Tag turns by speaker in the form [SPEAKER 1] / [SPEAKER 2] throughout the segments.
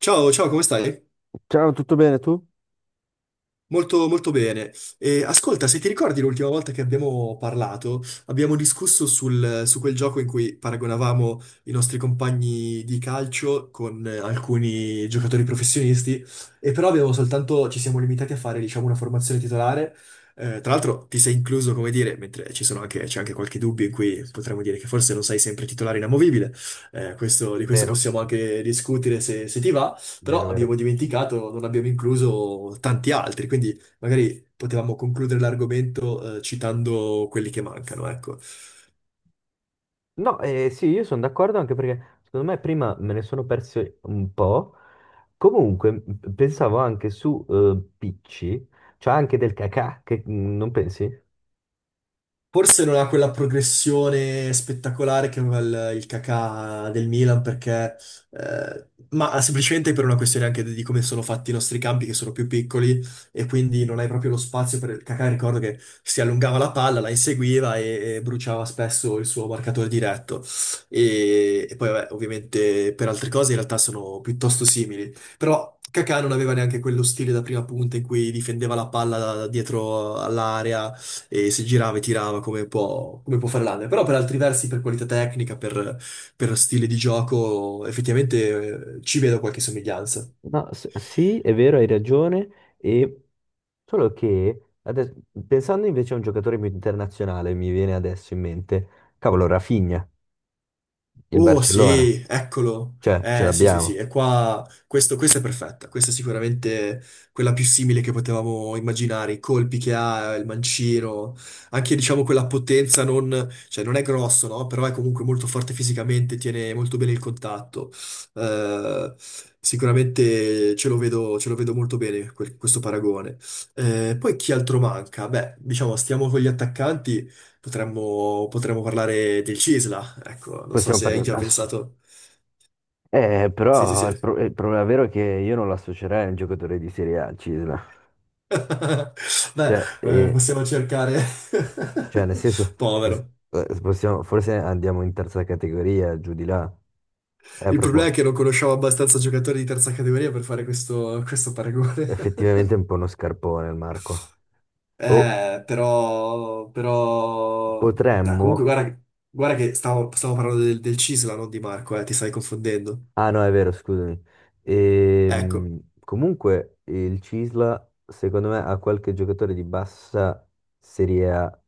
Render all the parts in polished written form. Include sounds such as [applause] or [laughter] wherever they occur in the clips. [SPEAKER 1] Ciao, ciao, come stai?
[SPEAKER 2] Ciao, tutto bene tu?
[SPEAKER 1] Molto, molto bene. E, ascolta, se ti ricordi l'ultima volta che abbiamo parlato, abbiamo discusso su quel gioco in cui paragonavamo i nostri compagni di calcio con alcuni giocatori professionisti, e però abbiamo soltanto, ci siamo limitati a fare, diciamo, una formazione titolare. Tra l'altro ti sei incluso, come dire, mentre ci sono anche, c'è anche qualche dubbio in cui potremmo dire che forse non sei sempre titolare inamovibile. Di questo
[SPEAKER 2] Vero,
[SPEAKER 1] possiamo anche discutere se ti va,
[SPEAKER 2] vero,
[SPEAKER 1] però
[SPEAKER 2] vero.
[SPEAKER 1] abbiamo dimenticato, non abbiamo incluso tanti altri, quindi magari potevamo concludere l'argomento citando quelli che mancano, ecco.
[SPEAKER 2] No, sì, io sono d'accordo anche perché secondo me prima me ne sono persi un po'. Comunque, pensavo anche su Picci, cioè anche del cacà, che non pensi?
[SPEAKER 1] Forse non ha quella progressione spettacolare che aveva il Kakà del Milan, perché, ma semplicemente per una questione anche di come sono fatti i nostri campi, che sono più piccoli, e quindi non hai proprio lo spazio per il Kakà. Ricordo che si allungava la palla, la inseguiva e bruciava spesso il suo marcatore diretto. E poi, vabbè, ovviamente per altre cose in realtà sono piuttosto simili. Però Kakà non aveva neanche quello stile da prima punta in cui difendeva la palla dietro all'area e si girava e tirava come può fare l'Under. Però per altri versi, per qualità tecnica, per stile di gioco, effettivamente ci vedo qualche somiglianza.
[SPEAKER 2] No, sì, è vero, hai ragione. E solo che adesso- pensando invece a un giocatore più internazionale, mi viene adesso in mente, cavolo, Rafinha, il
[SPEAKER 1] Oh
[SPEAKER 2] Barcellona,
[SPEAKER 1] sì, eccolo.
[SPEAKER 2] cioè ce
[SPEAKER 1] Eh sì sì sì,
[SPEAKER 2] l'abbiamo.
[SPEAKER 1] e qua questa è perfetta, questa è sicuramente quella più simile che potevamo immaginare, i colpi che ha, il mancino, anche diciamo quella potenza non, cioè non è grosso, no? Però è comunque molto forte fisicamente, tiene molto bene il contatto. Eh, Sicuramente ce lo vedo molto bene questo paragone. Poi chi altro manca? Beh, diciamo stiamo con gli attaccanti, potremmo parlare del Cisla. Ecco, non so
[SPEAKER 2] Possiamo
[SPEAKER 1] se hai
[SPEAKER 2] parlare.
[SPEAKER 1] già pensato. Sì, sì,
[SPEAKER 2] Però
[SPEAKER 1] sì.
[SPEAKER 2] il,
[SPEAKER 1] [laughs]
[SPEAKER 2] pro- il problema vero è che io non lo associerei a un giocatore di Serie A, al Cisla.
[SPEAKER 1] Beh,
[SPEAKER 2] Cioè, eh,
[SPEAKER 1] possiamo cercare.
[SPEAKER 2] cioè, nel senso,
[SPEAKER 1] [laughs] Povero.
[SPEAKER 2] forse andiamo in terza categoria, giù di là. È
[SPEAKER 1] Il problema è
[SPEAKER 2] proprio
[SPEAKER 1] che non conosciamo abbastanza giocatori di terza categoria per fare questo paragone.
[SPEAKER 2] effettivamente
[SPEAKER 1] [laughs]
[SPEAKER 2] un po' uno scarpone il Marco. O
[SPEAKER 1] Però... no, comunque,
[SPEAKER 2] potremmo.
[SPEAKER 1] guarda, guarda che stavo parlando del Cisla, non di Marco, ti stai confondendo.
[SPEAKER 2] Ah no, è vero, scusami.
[SPEAKER 1] Ecco.
[SPEAKER 2] Comunque il Cisla, secondo me, ha qualche giocatore di bassa Serie A,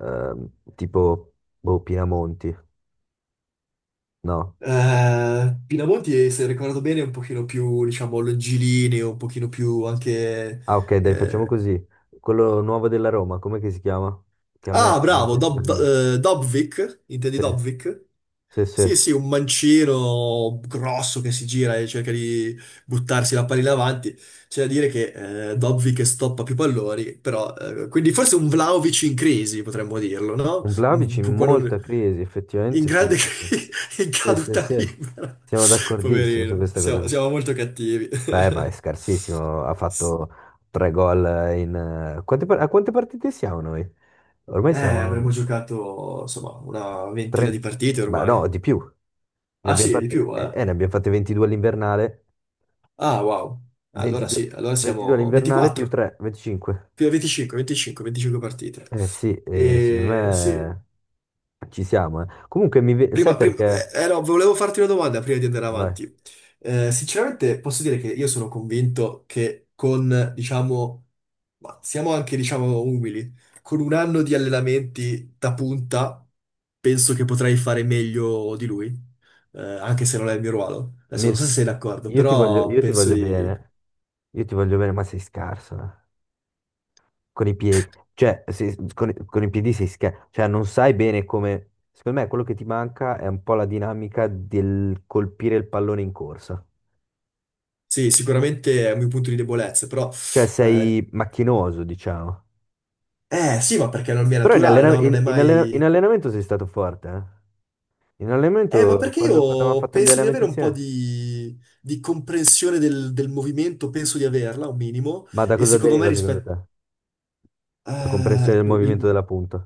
[SPEAKER 2] ehm, tipo boh, Pinamonti, no?
[SPEAKER 1] Pinamonti, se ricordo bene, è un pochino più, diciamo, longilineo, un pochino più anche
[SPEAKER 2] Ah, ok, dai, facciamo
[SPEAKER 1] eh,
[SPEAKER 2] così. Quello nuovo della Roma, com'è che si chiama? Che a me
[SPEAKER 1] ah,
[SPEAKER 2] non
[SPEAKER 1] bravo,
[SPEAKER 2] piace per niente.
[SPEAKER 1] Dobvik, intendi
[SPEAKER 2] Sì,
[SPEAKER 1] Dobvik?
[SPEAKER 2] sì, sì.
[SPEAKER 1] Sì,
[SPEAKER 2] Un
[SPEAKER 1] sì, un mancino grosso che si gira e cerca di buttarsi la palla in avanti. C'è da dire che Dobvik stoppa più palloni, però... quindi forse un Vlahovic in crisi, potremmo dirlo, no?
[SPEAKER 2] Vlahovic in molta crisi,
[SPEAKER 1] In
[SPEAKER 2] effettivamente sì.
[SPEAKER 1] grande [laughs] crisi, in
[SPEAKER 2] Sì, sì,
[SPEAKER 1] caduta
[SPEAKER 2] sì.
[SPEAKER 1] libera.
[SPEAKER 2] Siamo d'accordissimo su
[SPEAKER 1] Poverino,
[SPEAKER 2] questa cosa
[SPEAKER 1] siamo,
[SPEAKER 2] qua.
[SPEAKER 1] siamo molto cattivi. [laughs]
[SPEAKER 2] Beh, ma è scarsissimo. Ha fatto tre gol in quante partite siamo noi? Ormai siamo
[SPEAKER 1] Avremmo giocato, insomma, una ventina di
[SPEAKER 2] 30.
[SPEAKER 1] partite
[SPEAKER 2] Ma no,
[SPEAKER 1] ormai.
[SPEAKER 2] di più. Ne
[SPEAKER 1] Ah
[SPEAKER 2] abbiamo
[SPEAKER 1] sì, di
[SPEAKER 2] fatte,
[SPEAKER 1] più,
[SPEAKER 2] eh,
[SPEAKER 1] eh?
[SPEAKER 2] eh, ne abbiamo fatte 22 all'invernale.
[SPEAKER 1] Ah, wow. Allora
[SPEAKER 2] 22,
[SPEAKER 1] sì, allora
[SPEAKER 2] 22
[SPEAKER 1] siamo
[SPEAKER 2] all'invernale più
[SPEAKER 1] 24,
[SPEAKER 2] 3, 25.
[SPEAKER 1] più 25, 25, 25 partite.
[SPEAKER 2] Eh sì, secondo
[SPEAKER 1] E sì,
[SPEAKER 2] me ci siamo. Comunque, sai
[SPEAKER 1] prima, prima-
[SPEAKER 2] perché?
[SPEAKER 1] no, volevo farti una domanda prima di andare
[SPEAKER 2] Vai,
[SPEAKER 1] avanti. Sinceramente posso dire che io sono convinto che con, diciamo, ma siamo anche, diciamo, umili, con un anno di allenamenti da punta, penso che potrei fare meglio di lui. Anche se non è il mio ruolo. Adesso non so
[SPEAKER 2] Mir-
[SPEAKER 1] se sei d'accordo, però
[SPEAKER 2] io ti
[SPEAKER 1] penso
[SPEAKER 2] voglio
[SPEAKER 1] di
[SPEAKER 2] bene, io ti voglio bene, ma sei scarso, eh. Con i piedi, cioè, con i piedi sei scarso, cioè non sai bene come. Secondo me quello che ti manca è un po' la dinamica del colpire il pallone in corsa.
[SPEAKER 1] sì, sicuramente è un mio punto di debolezza, però...
[SPEAKER 2] Cioè
[SPEAKER 1] Eh,
[SPEAKER 2] sei macchinoso, diciamo.
[SPEAKER 1] sì, ma perché non mi è
[SPEAKER 2] Però in,
[SPEAKER 1] naturale,
[SPEAKER 2] allena-
[SPEAKER 1] no? Non
[SPEAKER 2] in-
[SPEAKER 1] è
[SPEAKER 2] in allena- in
[SPEAKER 1] mai...
[SPEAKER 2] allenamento sei stato forte, eh. In
[SPEAKER 1] Ma
[SPEAKER 2] allenamento,
[SPEAKER 1] perché
[SPEAKER 2] quando abbiamo
[SPEAKER 1] io
[SPEAKER 2] fatto gli
[SPEAKER 1] penso di
[SPEAKER 2] allenamenti
[SPEAKER 1] avere un po'
[SPEAKER 2] insieme.
[SPEAKER 1] di comprensione del movimento, penso di averla, un minimo,
[SPEAKER 2] Ma da
[SPEAKER 1] e
[SPEAKER 2] cosa
[SPEAKER 1] secondo me
[SPEAKER 2] deriva secondo te?
[SPEAKER 1] rispetto...
[SPEAKER 2] La
[SPEAKER 1] eh,
[SPEAKER 2] comprensione del movimento
[SPEAKER 1] il-
[SPEAKER 2] della punta?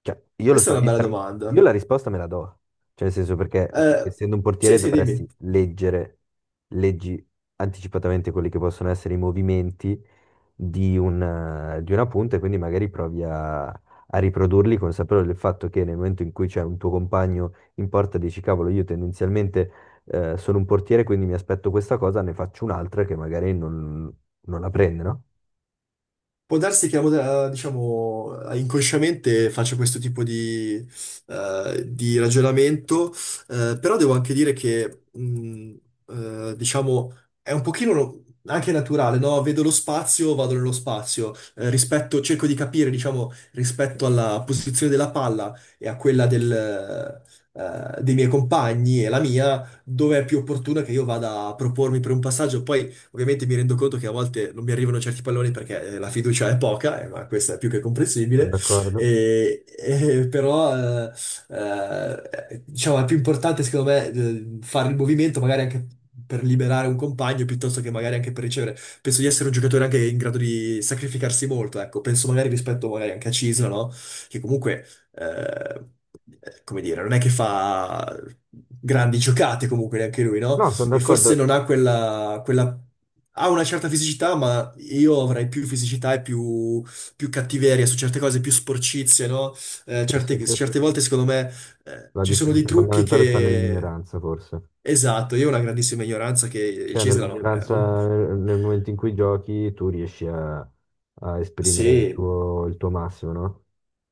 [SPEAKER 2] Cioè, io lo
[SPEAKER 1] questa è
[SPEAKER 2] so,
[SPEAKER 1] una
[SPEAKER 2] io,
[SPEAKER 1] bella
[SPEAKER 2] per- io
[SPEAKER 1] domanda.
[SPEAKER 2] la risposta me la do. Cioè, nel senso perché, cioè,
[SPEAKER 1] Eh,
[SPEAKER 2] essendo un portiere,
[SPEAKER 1] sì, sì, dimmi.
[SPEAKER 2] dovresti leggere, leggi anticipatamente quelli che possono essere i movimenti di una punta e quindi magari provi a riprodurli consapevole del fatto che nel momento in cui c'è un tuo compagno in porta dici, cavolo, io tendenzialmente sono un portiere, quindi mi aspetto questa cosa, ne faccio un'altra che magari non la prende, no?
[SPEAKER 1] Può darsi che, diciamo, inconsciamente faccia questo tipo di ragionamento, però devo anche dire che, diciamo, è un pochino no, anche naturale, no? Vedo lo spazio, vado nello spazio. Rispetto, cerco di capire, diciamo, rispetto alla posizione della palla e a quella dei miei compagni dove è più opportuna che io vada a propormi per un passaggio. Poi ovviamente mi rendo conto che a volte non mi arrivano certi palloni perché la fiducia è poca, ma questo è più che
[SPEAKER 2] Sono
[SPEAKER 1] comprensibile,
[SPEAKER 2] d'accordo.
[SPEAKER 1] e [laughs] però eh, diciamo è più importante secondo me fare il movimento magari anche per liberare un compagno piuttosto che magari anche per ricevere. Penso di essere un giocatore anche in grado di sacrificarsi molto, ecco, penso magari rispetto magari anche a Cisla, no? Che comunque... eh, come dire, non è che fa grandi giocate comunque neanche lui, no?
[SPEAKER 2] No, sono
[SPEAKER 1] E forse
[SPEAKER 2] d'accordo.
[SPEAKER 1] non ha quella, quella... ha una certa fisicità, ma io avrei più fisicità e più, più cattiveria su certe cose, più sporcizie, no?
[SPEAKER 2] Sì, sì, sì, sì,
[SPEAKER 1] Certe
[SPEAKER 2] sì.
[SPEAKER 1] volte, secondo me,
[SPEAKER 2] La
[SPEAKER 1] ci sono dei
[SPEAKER 2] differenza
[SPEAKER 1] trucchi
[SPEAKER 2] fondamentale sta
[SPEAKER 1] che...
[SPEAKER 2] nell'ignoranza, forse.
[SPEAKER 1] Esatto, io ho una grandissima ignoranza che il
[SPEAKER 2] Cioè,
[SPEAKER 1] Cesare, no,
[SPEAKER 2] nell'ignoranza, nel momento in cui giochi, tu riesci a esprimere il
[SPEAKER 1] sì.
[SPEAKER 2] tuo, il tuo massimo, no?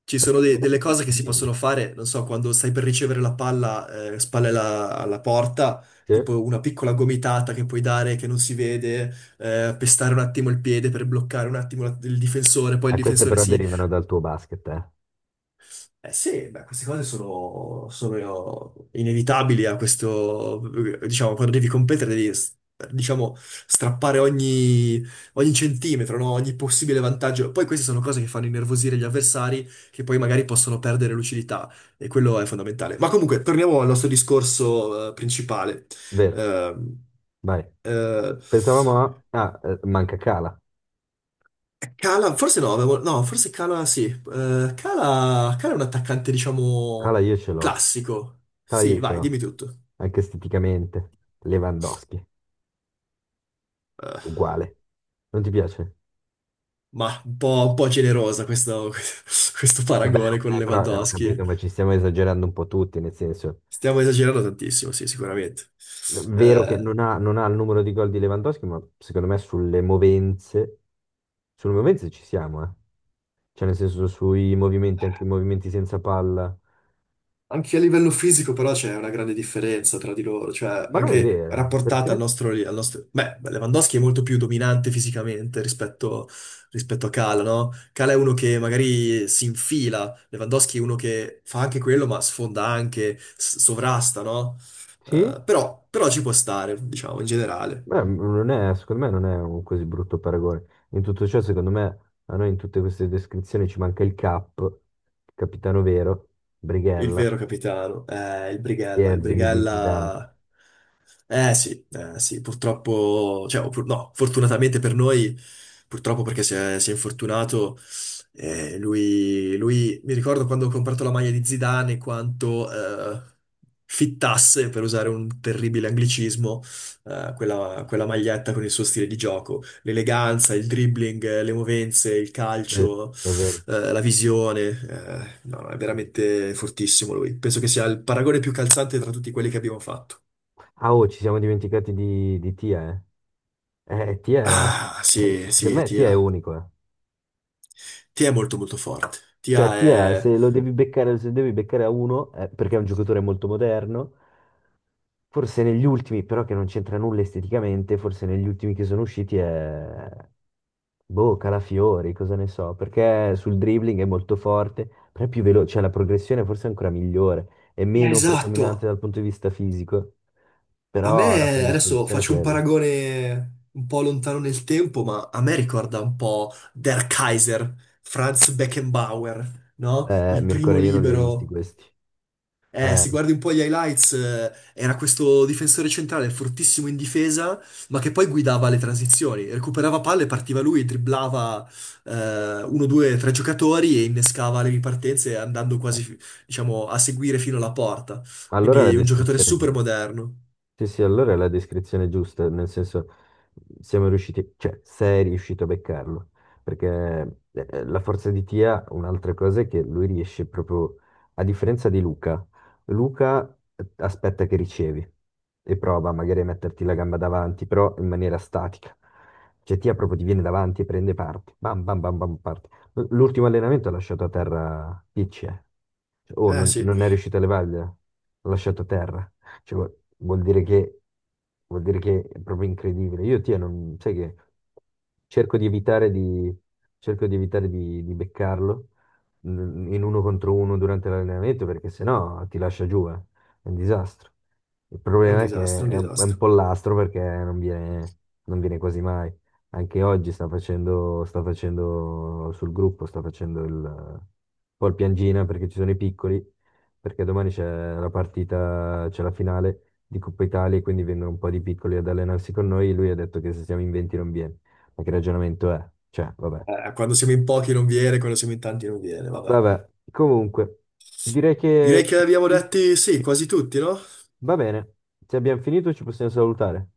[SPEAKER 1] Ci sono
[SPEAKER 2] Perché
[SPEAKER 1] delle
[SPEAKER 2] magari ti
[SPEAKER 1] cose che si
[SPEAKER 2] dimentichi.
[SPEAKER 1] possono fare, non so, quando stai per ricevere la palla, spalle alla porta,
[SPEAKER 2] Sì.
[SPEAKER 1] tipo una piccola gomitata che puoi dare che non si vede, pestare un attimo il piede per bloccare un attimo il difensore, poi il
[SPEAKER 2] Ah, queste
[SPEAKER 1] difensore
[SPEAKER 2] però
[SPEAKER 1] si
[SPEAKER 2] derivano dal tuo basket, eh.
[SPEAKER 1] sì, beh, queste cose sono inevitabili a questo, diciamo, quando devi competere devi, diciamo, strappare ogni, ogni centimetro, no? Ogni possibile vantaggio. Poi queste sono cose che fanno innervosire gli avversari, che poi magari possono perdere lucidità, e quello è fondamentale. Ma comunque, torniamo al nostro discorso, principale.
[SPEAKER 2] Vero,
[SPEAKER 1] Ehm,
[SPEAKER 2] vai.
[SPEAKER 1] eh,
[SPEAKER 2] Ah, manca Cala.
[SPEAKER 1] Cala, forse no, forse Cala sì. Cala, Cala è un attaccante, diciamo,
[SPEAKER 2] Cala io ce l'ho.
[SPEAKER 1] classico.
[SPEAKER 2] Cala
[SPEAKER 1] Sì,
[SPEAKER 2] io ce
[SPEAKER 1] vai,
[SPEAKER 2] l'ho.
[SPEAKER 1] dimmi tutto.
[SPEAKER 2] Anche esteticamente. Lewandowski,
[SPEAKER 1] Eh,
[SPEAKER 2] uguale. Non ti piace?
[SPEAKER 1] ma un po' generosa questo, [laughs] questo
[SPEAKER 2] Vabbè,
[SPEAKER 1] paragone con
[SPEAKER 2] ok, però ho
[SPEAKER 1] Lewandowski.
[SPEAKER 2] capito, ma ci stiamo esagerando un po' tutti, nel senso,
[SPEAKER 1] Stiamo esagerando tantissimo, sì, sicuramente.
[SPEAKER 2] è vero che
[SPEAKER 1] Eh,
[SPEAKER 2] non ha il numero di gol di Lewandowski, ma secondo me sulle movenze ci siamo, eh. Cioè nel senso sui movimenti, anche i movimenti senza palla.
[SPEAKER 1] Anche a livello fisico però c'è una grande differenza tra di loro, cioè
[SPEAKER 2] Ma non è
[SPEAKER 1] anche
[SPEAKER 2] vero,
[SPEAKER 1] rapportata al
[SPEAKER 2] perché?
[SPEAKER 1] nostro... beh, Lewandowski è molto più dominante fisicamente rispetto, rispetto a Kala, no? Kala è uno che magari si infila, Lewandowski è uno che fa anche quello ma sfonda anche, sovrasta, no?
[SPEAKER 2] Sì?
[SPEAKER 1] Però ci può stare, diciamo, in generale.
[SPEAKER 2] Beh, non è, secondo me non è un così brutto paragone. In tutto ciò, secondo me, a noi in tutte queste descrizioni ci manca il Cap, il capitano vero,
[SPEAKER 1] Il
[SPEAKER 2] Brighella,
[SPEAKER 1] vero capitano,
[SPEAKER 2] che
[SPEAKER 1] Il
[SPEAKER 2] è Zenedine Zidane.
[SPEAKER 1] Brighella... sì, eh sì, purtroppo, cioè, o pur- no, fortunatamente per noi, purtroppo perché si è infortunato, lui, mi ricordo quando ho comprato la maglia di Zidane, quanto fittasse, per usare un terribile anglicismo, quella maglietta con il suo stile di gioco, l'eleganza, il dribbling, le movenze, il
[SPEAKER 2] Sì, è
[SPEAKER 1] calcio,
[SPEAKER 2] vero.
[SPEAKER 1] la visione, no, no, è veramente fortissimo lui. Penso che sia il paragone più calzante tra tutti quelli che abbiamo fatto.
[SPEAKER 2] Ah, oh, ci siamo dimenticati di Tia, eh. Tia,
[SPEAKER 1] Ah, sì,
[SPEAKER 2] secondo
[SPEAKER 1] sì,
[SPEAKER 2] me Tia
[SPEAKER 1] Tia.
[SPEAKER 2] è unico, eh.
[SPEAKER 1] Tia è molto molto forte.
[SPEAKER 2] Cioè,
[SPEAKER 1] Tia
[SPEAKER 2] Tia,
[SPEAKER 1] è...
[SPEAKER 2] se lo devi beccare, se devi beccare a uno, perché è un giocatore molto moderno, forse negli ultimi, però che non c'entra nulla esteticamente, forse negli ultimi che sono usciti è. Boh, Calafiori, cosa ne so, perché sul dribbling è molto forte, però è più veloce, cioè la progressione forse è ancora migliore, è meno
[SPEAKER 1] esatto.
[SPEAKER 2] predominante dal punto di vista fisico,
[SPEAKER 1] A
[SPEAKER 2] però la
[SPEAKER 1] me, adesso
[SPEAKER 2] predisposizione è
[SPEAKER 1] faccio un
[SPEAKER 2] quella.
[SPEAKER 1] paragone un po' lontano nel tempo, ma a me ricorda un po' Der Kaiser, Franz Beckenbauer, no? Il primo
[SPEAKER 2] Mircone, io non li ho visti
[SPEAKER 1] libero.
[SPEAKER 2] questi. Eh,
[SPEAKER 1] Se guardi un po' gli highlights, era questo difensore centrale fortissimo in difesa, ma che poi guidava le transizioni. Recuperava palle, partiva lui, dribblava uno, due, tre giocatori e innescava le ripartenze andando
[SPEAKER 2] eh.
[SPEAKER 1] quasi, diciamo, a seguire fino alla porta.
[SPEAKER 2] Allora è la
[SPEAKER 1] Quindi un giocatore
[SPEAKER 2] descrizione
[SPEAKER 1] super
[SPEAKER 2] giusta.
[SPEAKER 1] moderno.
[SPEAKER 2] Sì, sì, allora è la descrizione giusta, nel senso siamo riusciti, cioè sei riuscito a beccarlo, perché la forza di Tia, un'altra cosa è che lui riesce proprio, a differenza di Luca, Luca aspetta che ricevi e prova magari a metterti la gamba davanti, però in maniera statica. Cioè Tia proprio ti viene davanti e prende parte, bam bam bam bam parte. L'ultimo allenamento ha lasciato a terra Peach, eh. Cioè, oh,
[SPEAKER 1] Eh
[SPEAKER 2] non,
[SPEAKER 1] sì,
[SPEAKER 2] non è riuscito a levargliela, l'ha lasciato a terra. Cioè, vuol dire che è proprio incredibile. Io, ti non, sai che cerco di evitare di, cerco di, evitare di beccarlo in uno contro uno durante l'allenamento perché sennò ti lascia giù, eh. È un disastro. Il
[SPEAKER 1] è un
[SPEAKER 2] problema è che
[SPEAKER 1] disastro, è un
[SPEAKER 2] è un
[SPEAKER 1] disastro.
[SPEAKER 2] pollastro perché non viene quasi mai. Anche oggi sta facendo sul gruppo, sta facendo un po' il piangina perché ci sono i piccoli perché domani c'è la partita, c'è la finale di Coppa Italia, e quindi vengono un po' di piccoli ad allenarsi con noi. Lui ha detto che se siamo in 20 non viene. Ma che ragionamento è? Cioè, vabbè.
[SPEAKER 1] Quando siamo in pochi non viene, quando siamo in tanti non viene, vabbè.
[SPEAKER 2] Vabbè, comunque, direi che
[SPEAKER 1] Direi che abbiamo
[SPEAKER 2] fini-
[SPEAKER 1] detti sì, quasi tutti, no?
[SPEAKER 2] va bene. Se abbiamo finito ci possiamo salutare.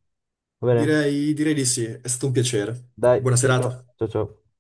[SPEAKER 2] Va bene?
[SPEAKER 1] Direi, direi di sì, è stato un piacere.
[SPEAKER 2] Dai,
[SPEAKER 1] Buona
[SPEAKER 2] ciao
[SPEAKER 1] serata.
[SPEAKER 2] ciao. Ciao ciao.